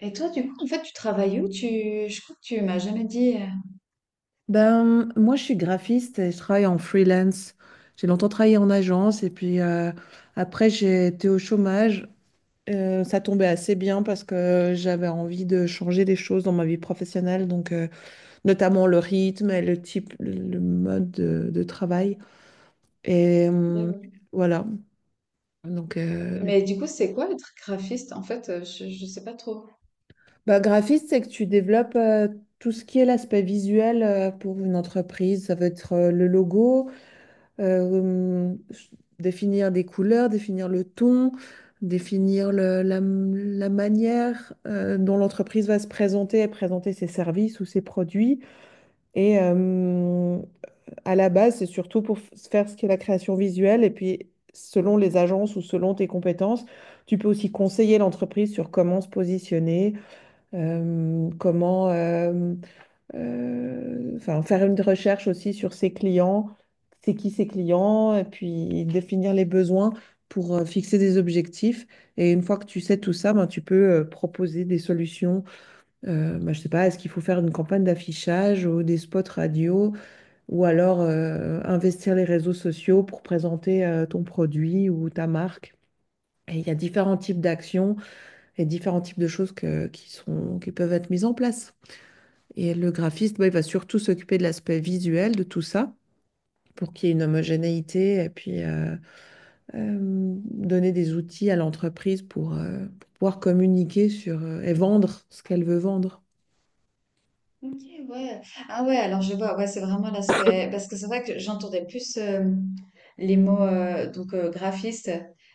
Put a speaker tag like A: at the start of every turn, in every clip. A: Et toi, du coup, en fait, tu travailles où? Tu... Je crois que tu m'as jamais dit.
B: Ben, moi, je suis graphiste et je travaille en freelance. J'ai longtemps travaillé en agence et puis après, j'ai été au chômage. Ça tombait assez bien parce que j'avais envie de changer des choses dans ma vie professionnelle, donc notamment le rythme et le type, le mode de travail. Et
A: Ok,
B: euh,
A: ouais.
B: voilà. Donc,
A: Mais du coup, c'est quoi être graphiste? En fait, je sais pas trop.
B: ben, graphiste, c'est que tu développes tout ce qui est l'aspect visuel pour une entreprise. Ça veut être le logo. euh, Définir des couleurs, définir le ton, définir la manière dont l'entreprise va se présenter et présenter ses services ou ses produits. Et euh, à la base, c'est surtout pour faire ce qu'est la création visuelle. Et puis, selon les agences ou selon tes compétences, tu peux aussi conseiller l'entreprise sur comment se positionner, euh, comment... euh, enfin, faire une recherche aussi sur ses clients, c'est qui ses clients, et puis définir les besoins pour fixer des objectifs. Et une fois que tu sais tout ça, ben, tu peux proposer des solutions. Ben, je sais pas, est-ce qu'il faut faire une campagne d'affichage ou des spots radio, ou alors investir les réseaux sociaux pour présenter ton produit ou ta marque. Et il y a différents types d'actions et différents types de choses qui sont, qui peuvent être mises en place. Et le graphiste, bah, il va surtout s'occuper de l'aspect visuel de tout ça pour qu'il y ait une homogénéité et puis euh, donner des outils à l'entreprise pour pouvoir communiquer sur, et vendre ce qu'elle veut vendre.
A: Ok, ouais. Ah ouais, alors je vois, ouais, c'est vraiment l'aspect. Parce que c'est vrai que j'entendais plus les mots donc graphiste.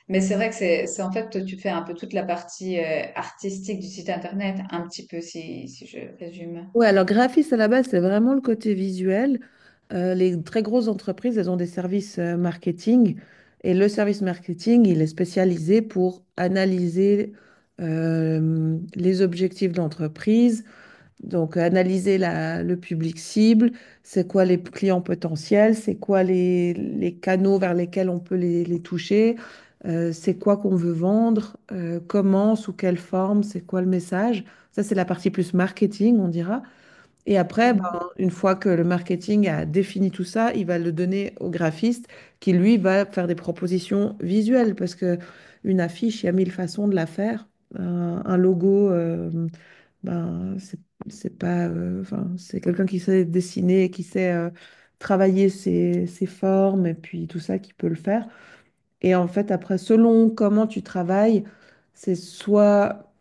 A: Mais c'est vrai que c'est en fait, tu fais un peu toute la partie artistique du site internet, un petit peu si je résume.
B: Ouais, alors graphiste à la base, c'est vraiment le côté visuel. Les très grosses entreprises, elles ont des services marketing, et le service marketing, il est spécialisé pour analyser les objectifs de l'entreprise. Donc, analyser le public cible, c'est quoi les clients potentiels, c'est quoi les canaux vers lesquels on peut les toucher, c'est quoi qu'on veut vendre, comment, sous quelle forme, c'est quoi le message. Ça, c'est la partie plus marketing, on dira. Et après, ben, une fois que le marketing a défini tout ça, il va le donner au graphiste qui, lui, va faire des propositions visuelles parce que une affiche, il y a mille façons de la faire. Un logo. Ben, c'est pas, enfin, c'est quelqu'un qui sait dessiner, et qui sait travailler ses, ses formes et puis tout ça qui peut le faire. Et en fait, après, selon comment tu travailles, c'est soit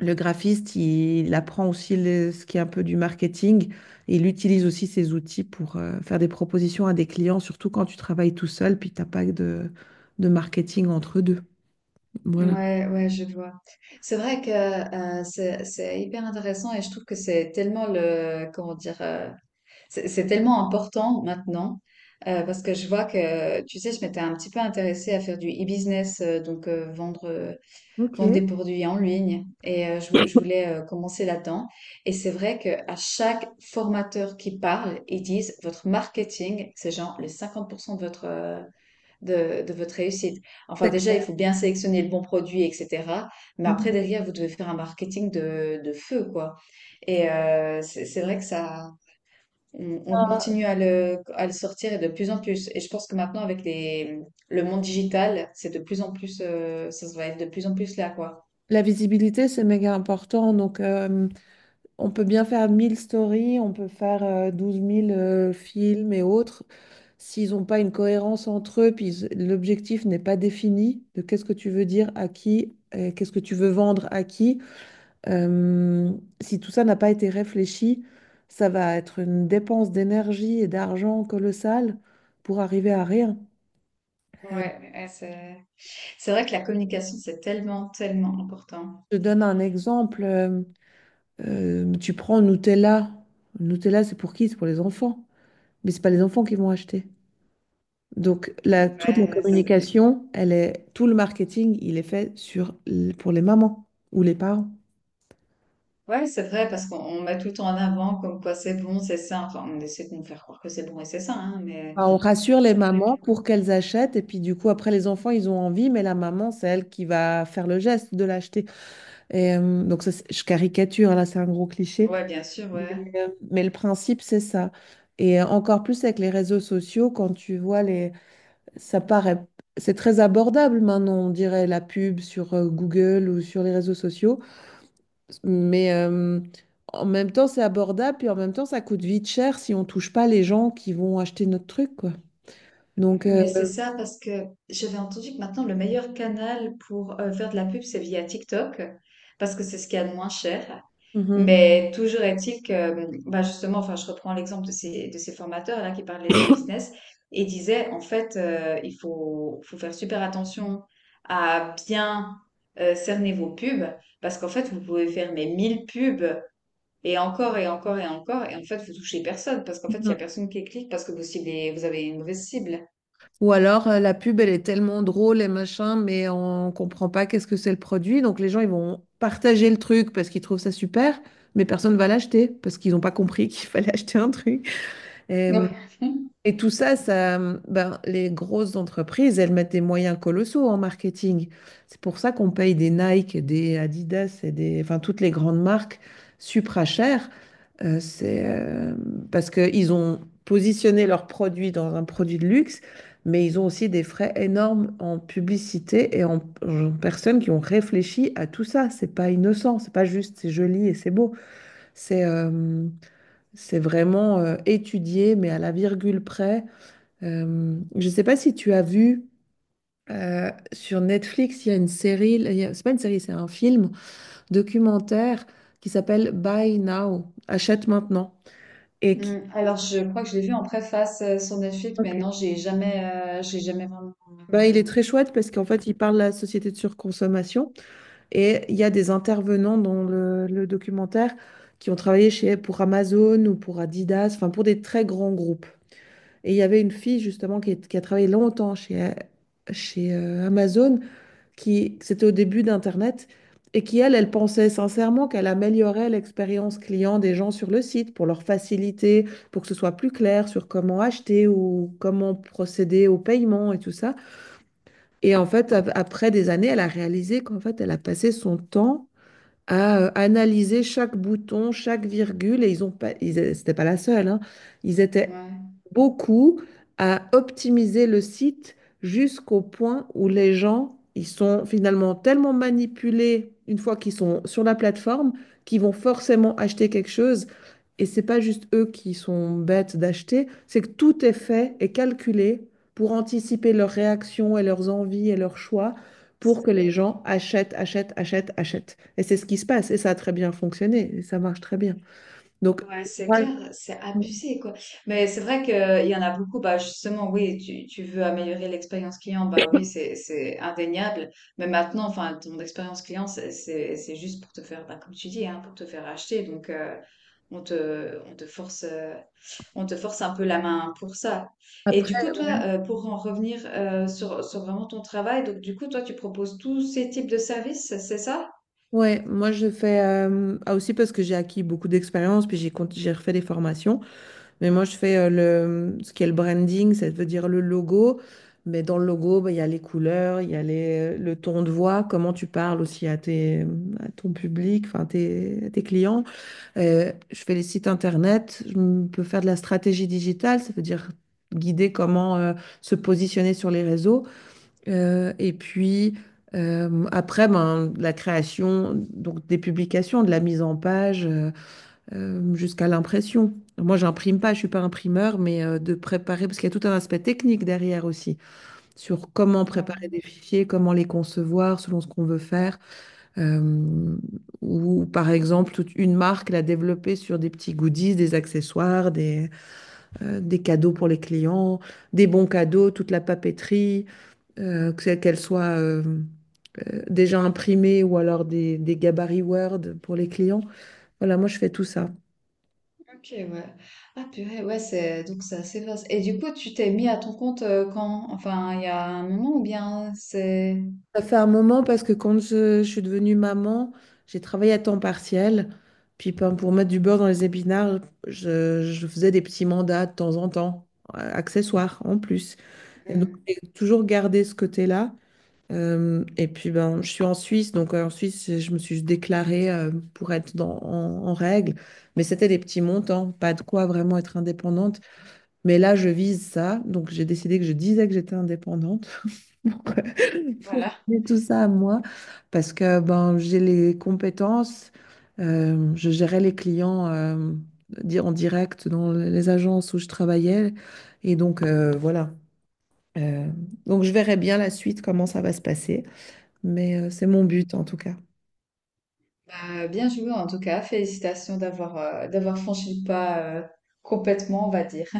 B: le graphiste, il apprend aussi ce qui est un peu du marketing et il utilise aussi ses outils pour faire des propositions à des clients, surtout quand tu travailles tout seul, puis t'as pas de, de marketing entre deux. Voilà.
A: Ouais, ouais, je vois. C'est vrai que c'est hyper intéressant et je trouve que c'est tellement le comment dire c'est tellement important maintenant parce que je vois que tu sais je m'étais un petit peu intéressée à faire du e-business donc vendre
B: Ok.
A: vendre des produits en ligne et je voulais commencer là-dedans et c'est vrai que à chaque formateur qui parle ils disent votre marketing c'est genre les 50% de votre de votre réussite. Enfin,
B: C'est
A: déjà, il
B: clair.
A: faut bien sélectionner le bon produit, etc. Mais après, derrière, vous devez faire un marketing de feu, quoi. Et c'est vrai que ça, on continue à le sortir et de plus en plus. Et je pense que maintenant, avec le monde digital, c'est de plus en plus, ça va être de plus en plus là, quoi.
B: La visibilité, c'est méga important. Donc, on peut bien faire 1000 stories, on peut faire 12 000 films et autres. S'ils n'ont pas une cohérence entre eux, puis l'objectif n'est pas défini de qu'est-ce que tu veux dire à qui, qu'est-ce que tu veux vendre à qui, euh, si tout ça n'a pas été réfléchi, ça va être une dépense d'énergie et d'argent colossale pour arriver à rien. Euh,
A: Ouais, ouais, c'est vrai que la communication, c'est tellement, tellement important.
B: je te donne un exemple. Tu prends Nutella. Nutella, c'est pour qui? C'est pour les enfants. Mais c'est pas les enfants qui vont acheter. Donc, toute la
A: Ouais,
B: communication, elle est, tout le marketing, il est fait sur, pour les mamans ou les parents.
A: ouais, c'est vrai, parce qu'on met tout en avant comme quoi c'est bon, c'est sain. Enfin, on essaie de nous faire croire que c'est bon et c'est sain, hein, mais
B: Enfin, on rassure les
A: c'est vrai
B: mamans
A: que...
B: pour qu'elles achètent et puis du coup, après, les enfants, ils ont envie, mais la maman, c'est elle qui va faire le geste de l'acheter. Et, donc, ça, je caricature, là, c'est un gros cliché,
A: Ouais, bien sûr,
B: mais,
A: ouais.
B: mais le principe, c'est ça. Et encore plus avec les réseaux sociaux, quand tu vois les... Ça paraît... C'est très abordable maintenant, on dirait la pub sur Google ou sur les réseaux sociaux. Mais en même temps, c'est abordable, puis en même temps, ça coûte vite cher si on touche pas les gens qui vont acheter notre truc, quoi. Donc,
A: Mais c'est ça parce que j'avais entendu que maintenant, le meilleur canal pour faire de la pub, c'est via TikTok, parce que c'est ce qu'il y a de moins cher.
B: mhm.
A: Mais toujours est-il que, bah justement, enfin, je reprends l'exemple de de ces formateurs là qui parlaient des business et disaient en fait, faut faire super attention à bien cerner vos pubs parce qu'en fait, vous pouvez faire mes 1000 pubs et encore et encore et encore et en fait, vous touchez personne parce qu'en fait, il y a
B: Mhm.
A: personne qui clique parce que vous ciblez, vous avez une mauvaise cible.
B: Ou alors la pub, elle est tellement drôle et machin, mais on comprend pas qu'est-ce que c'est le produit. Donc les gens, ils vont partager le truc parce qu'ils trouvent ça super, mais personne va l'acheter parce qu'ils n'ont pas compris qu'il fallait acheter un truc. Et,
A: Donc,
B: Et tout ça, ça, ben, les grosses entreprises, elles mettent des moyens colossaux en marketing. C'est pour ça qu'on paye des Nike, et des Adidas et des, enfin, toutes les grandes marques supra chères. C'est Parce qu'ils ont positionné leurs produits dans un produit de luxe, mais ils ont aussi des frais énormes en publicité et en, en personnes qui ont réfléchi à tout ça. C'est pas innocent, c'est pas juste, c'est joli et c'est beau. C'est euh, c'est vraiment étudié, mais à la virgule près. Je ne sais pas si tu as vu sur Netflix, il y a une série, il y a- c'est pas une série, c'est un film documentaire qui s'appelle Buy Now, achète maintenant. Et qui,
A: Mm, alors, je crois que je l'ai vu en préface sur Netflix, mais
B: ok,
A: non, j'ai jamais vraiment.
B: bah, il est très chouette parce qu'en fait, il parle de la société de surconsommation et il y a des intervenants dans le documentaire qui ont travaillé chez, pour Amazon ou pour Adidas, enfin pour des très grands groupes. Et il y avait une fille justement qui, qui a travaillé longtemps chez, chez Amazon, qui c'était au début d'Internet et qui, elle, elle pensait sincèrement qu'elle améliorait l'expérience client des gens sur le site pour leur faciliter, pour que ce soit plus clair sur comment acheter ou comment procéder au paiement et tout ça. Et en fait, après des années, elle a réalisé qu'en fait, elle a passé son temps à analyser chaque bouton, chaque virgule, et ils ont pas, ils, c'était pas la seule, hein. Ils étaient
A: Ouais.
B: beaucoup à optimiser le site jusqu'au point où les gens, ils sont finalement tellement manipulés une fois qu'ils sont sur la plateforme, qu'ils vont forcément acheter quelque chose. Et c'est pas juste eux qui sont bêtes d'acheter, c'est que tout est fait et calculé pour anticiper leurs réactions et leurs envies et leurs choix pour que les gens achètent, achètent, achètent, achètent. Et c'est ce qui se passe. Et ça a très bien fonctionné. Et ça marche très bien. Donc,
A: Ouais, c'est
B: ouais,
A: clair, c'est abusé, quoi. Mais c'est vrai qu'il y en a beaucoup, bah justement, oui, tu veux améliorer l'expérience client, bah oui, c'est indéniable. Mais maintenant, enfin, ton expérience client, c'est juste pour te faire, bah, comme tu dis, hein, pour te faire acheter. Donc, on te, on te force, euh, on te force un peu la main pour ça. Et du coup,
B: après,
A: toi, pour en revenir sur vraiment ton travail, donc du coup, toi, tu proposes tous ces types de services, c'est ça?
B: ouais, moi, je fais aussi parce que j'ai acquis beaucoup d'expérience, puis j'ai refait des formations. Mais moi, je fais le, ce qui est le branding, ça veut dire le logo. Mais dans le logo, bah, il y a les couleurs, il y a les, le ton de voix, comment tu parles aussi à, tes, à ton public, enfin, tes, à tes clients. Je fais les sites internet, peux faire de la stratégie digitale, ça veut dire guider comment se positionner sur les réseaux. Et puis après, ben, la création donc des publications, de la mise en page jusqu'à l'impression. Moi, j'imprime pas, je suis pas imprimeur, mais de préparer, parce qu'il y a tout un aspect technique derrière aussi, sur comment préparer des fichiers, comment les concevoir selon ce qu'on veut faire. Euh, ou par exemple, toute une marque l'a développée sur des petits goodies, des accessoires, des cadeaux pour les clients, des bons cadeaux, toute la papeterie, que qu'elle soit déjà imprimée ou alors des gabarits Word pour les clients. Voilà, moi je fais tout ça.
A: Ok, ouais. Ah purée, ouais, c'est donc c'est assez vaste. Et du coup, tu t'es mis à ton compte quand? Enfin, il y a un moment ou bien c'est...
B: Ça fait un moment parce que quand je suis devenue maman, j'ai travaillé à temps partiel. Puis ben, pour mettre du beurre dans les épinards, je faisais des petits mandats de temps en temps, accessoires en plus. Et donc,
A: Hmm.
B: j'ai toujours gardé ce côté-là. Et puis, ben, je suis en Suisse, donc en Suisse, je me suis déclarée pour être en, en règle. Mais c'était des petits montants, pas de quoi vraiment être indépendante. Mais là, je vise ça, donc j'ai décidé que je disais que j'étais indépendante pour, pour
A: Voilà.
B: amener tout ça à moi, parce que ben, j'ai les compétences, je gérais les clients en direct dans les agences où je travaillais. Et donc, voilà. Euh, donc je verrai bien la suite, comment ça va se passer, mais c'est mon but en tout cas.
A: Bah, bien joué en tout cas. Félicitations d'avoir d'avoir franchi le pas complètement, on va dire.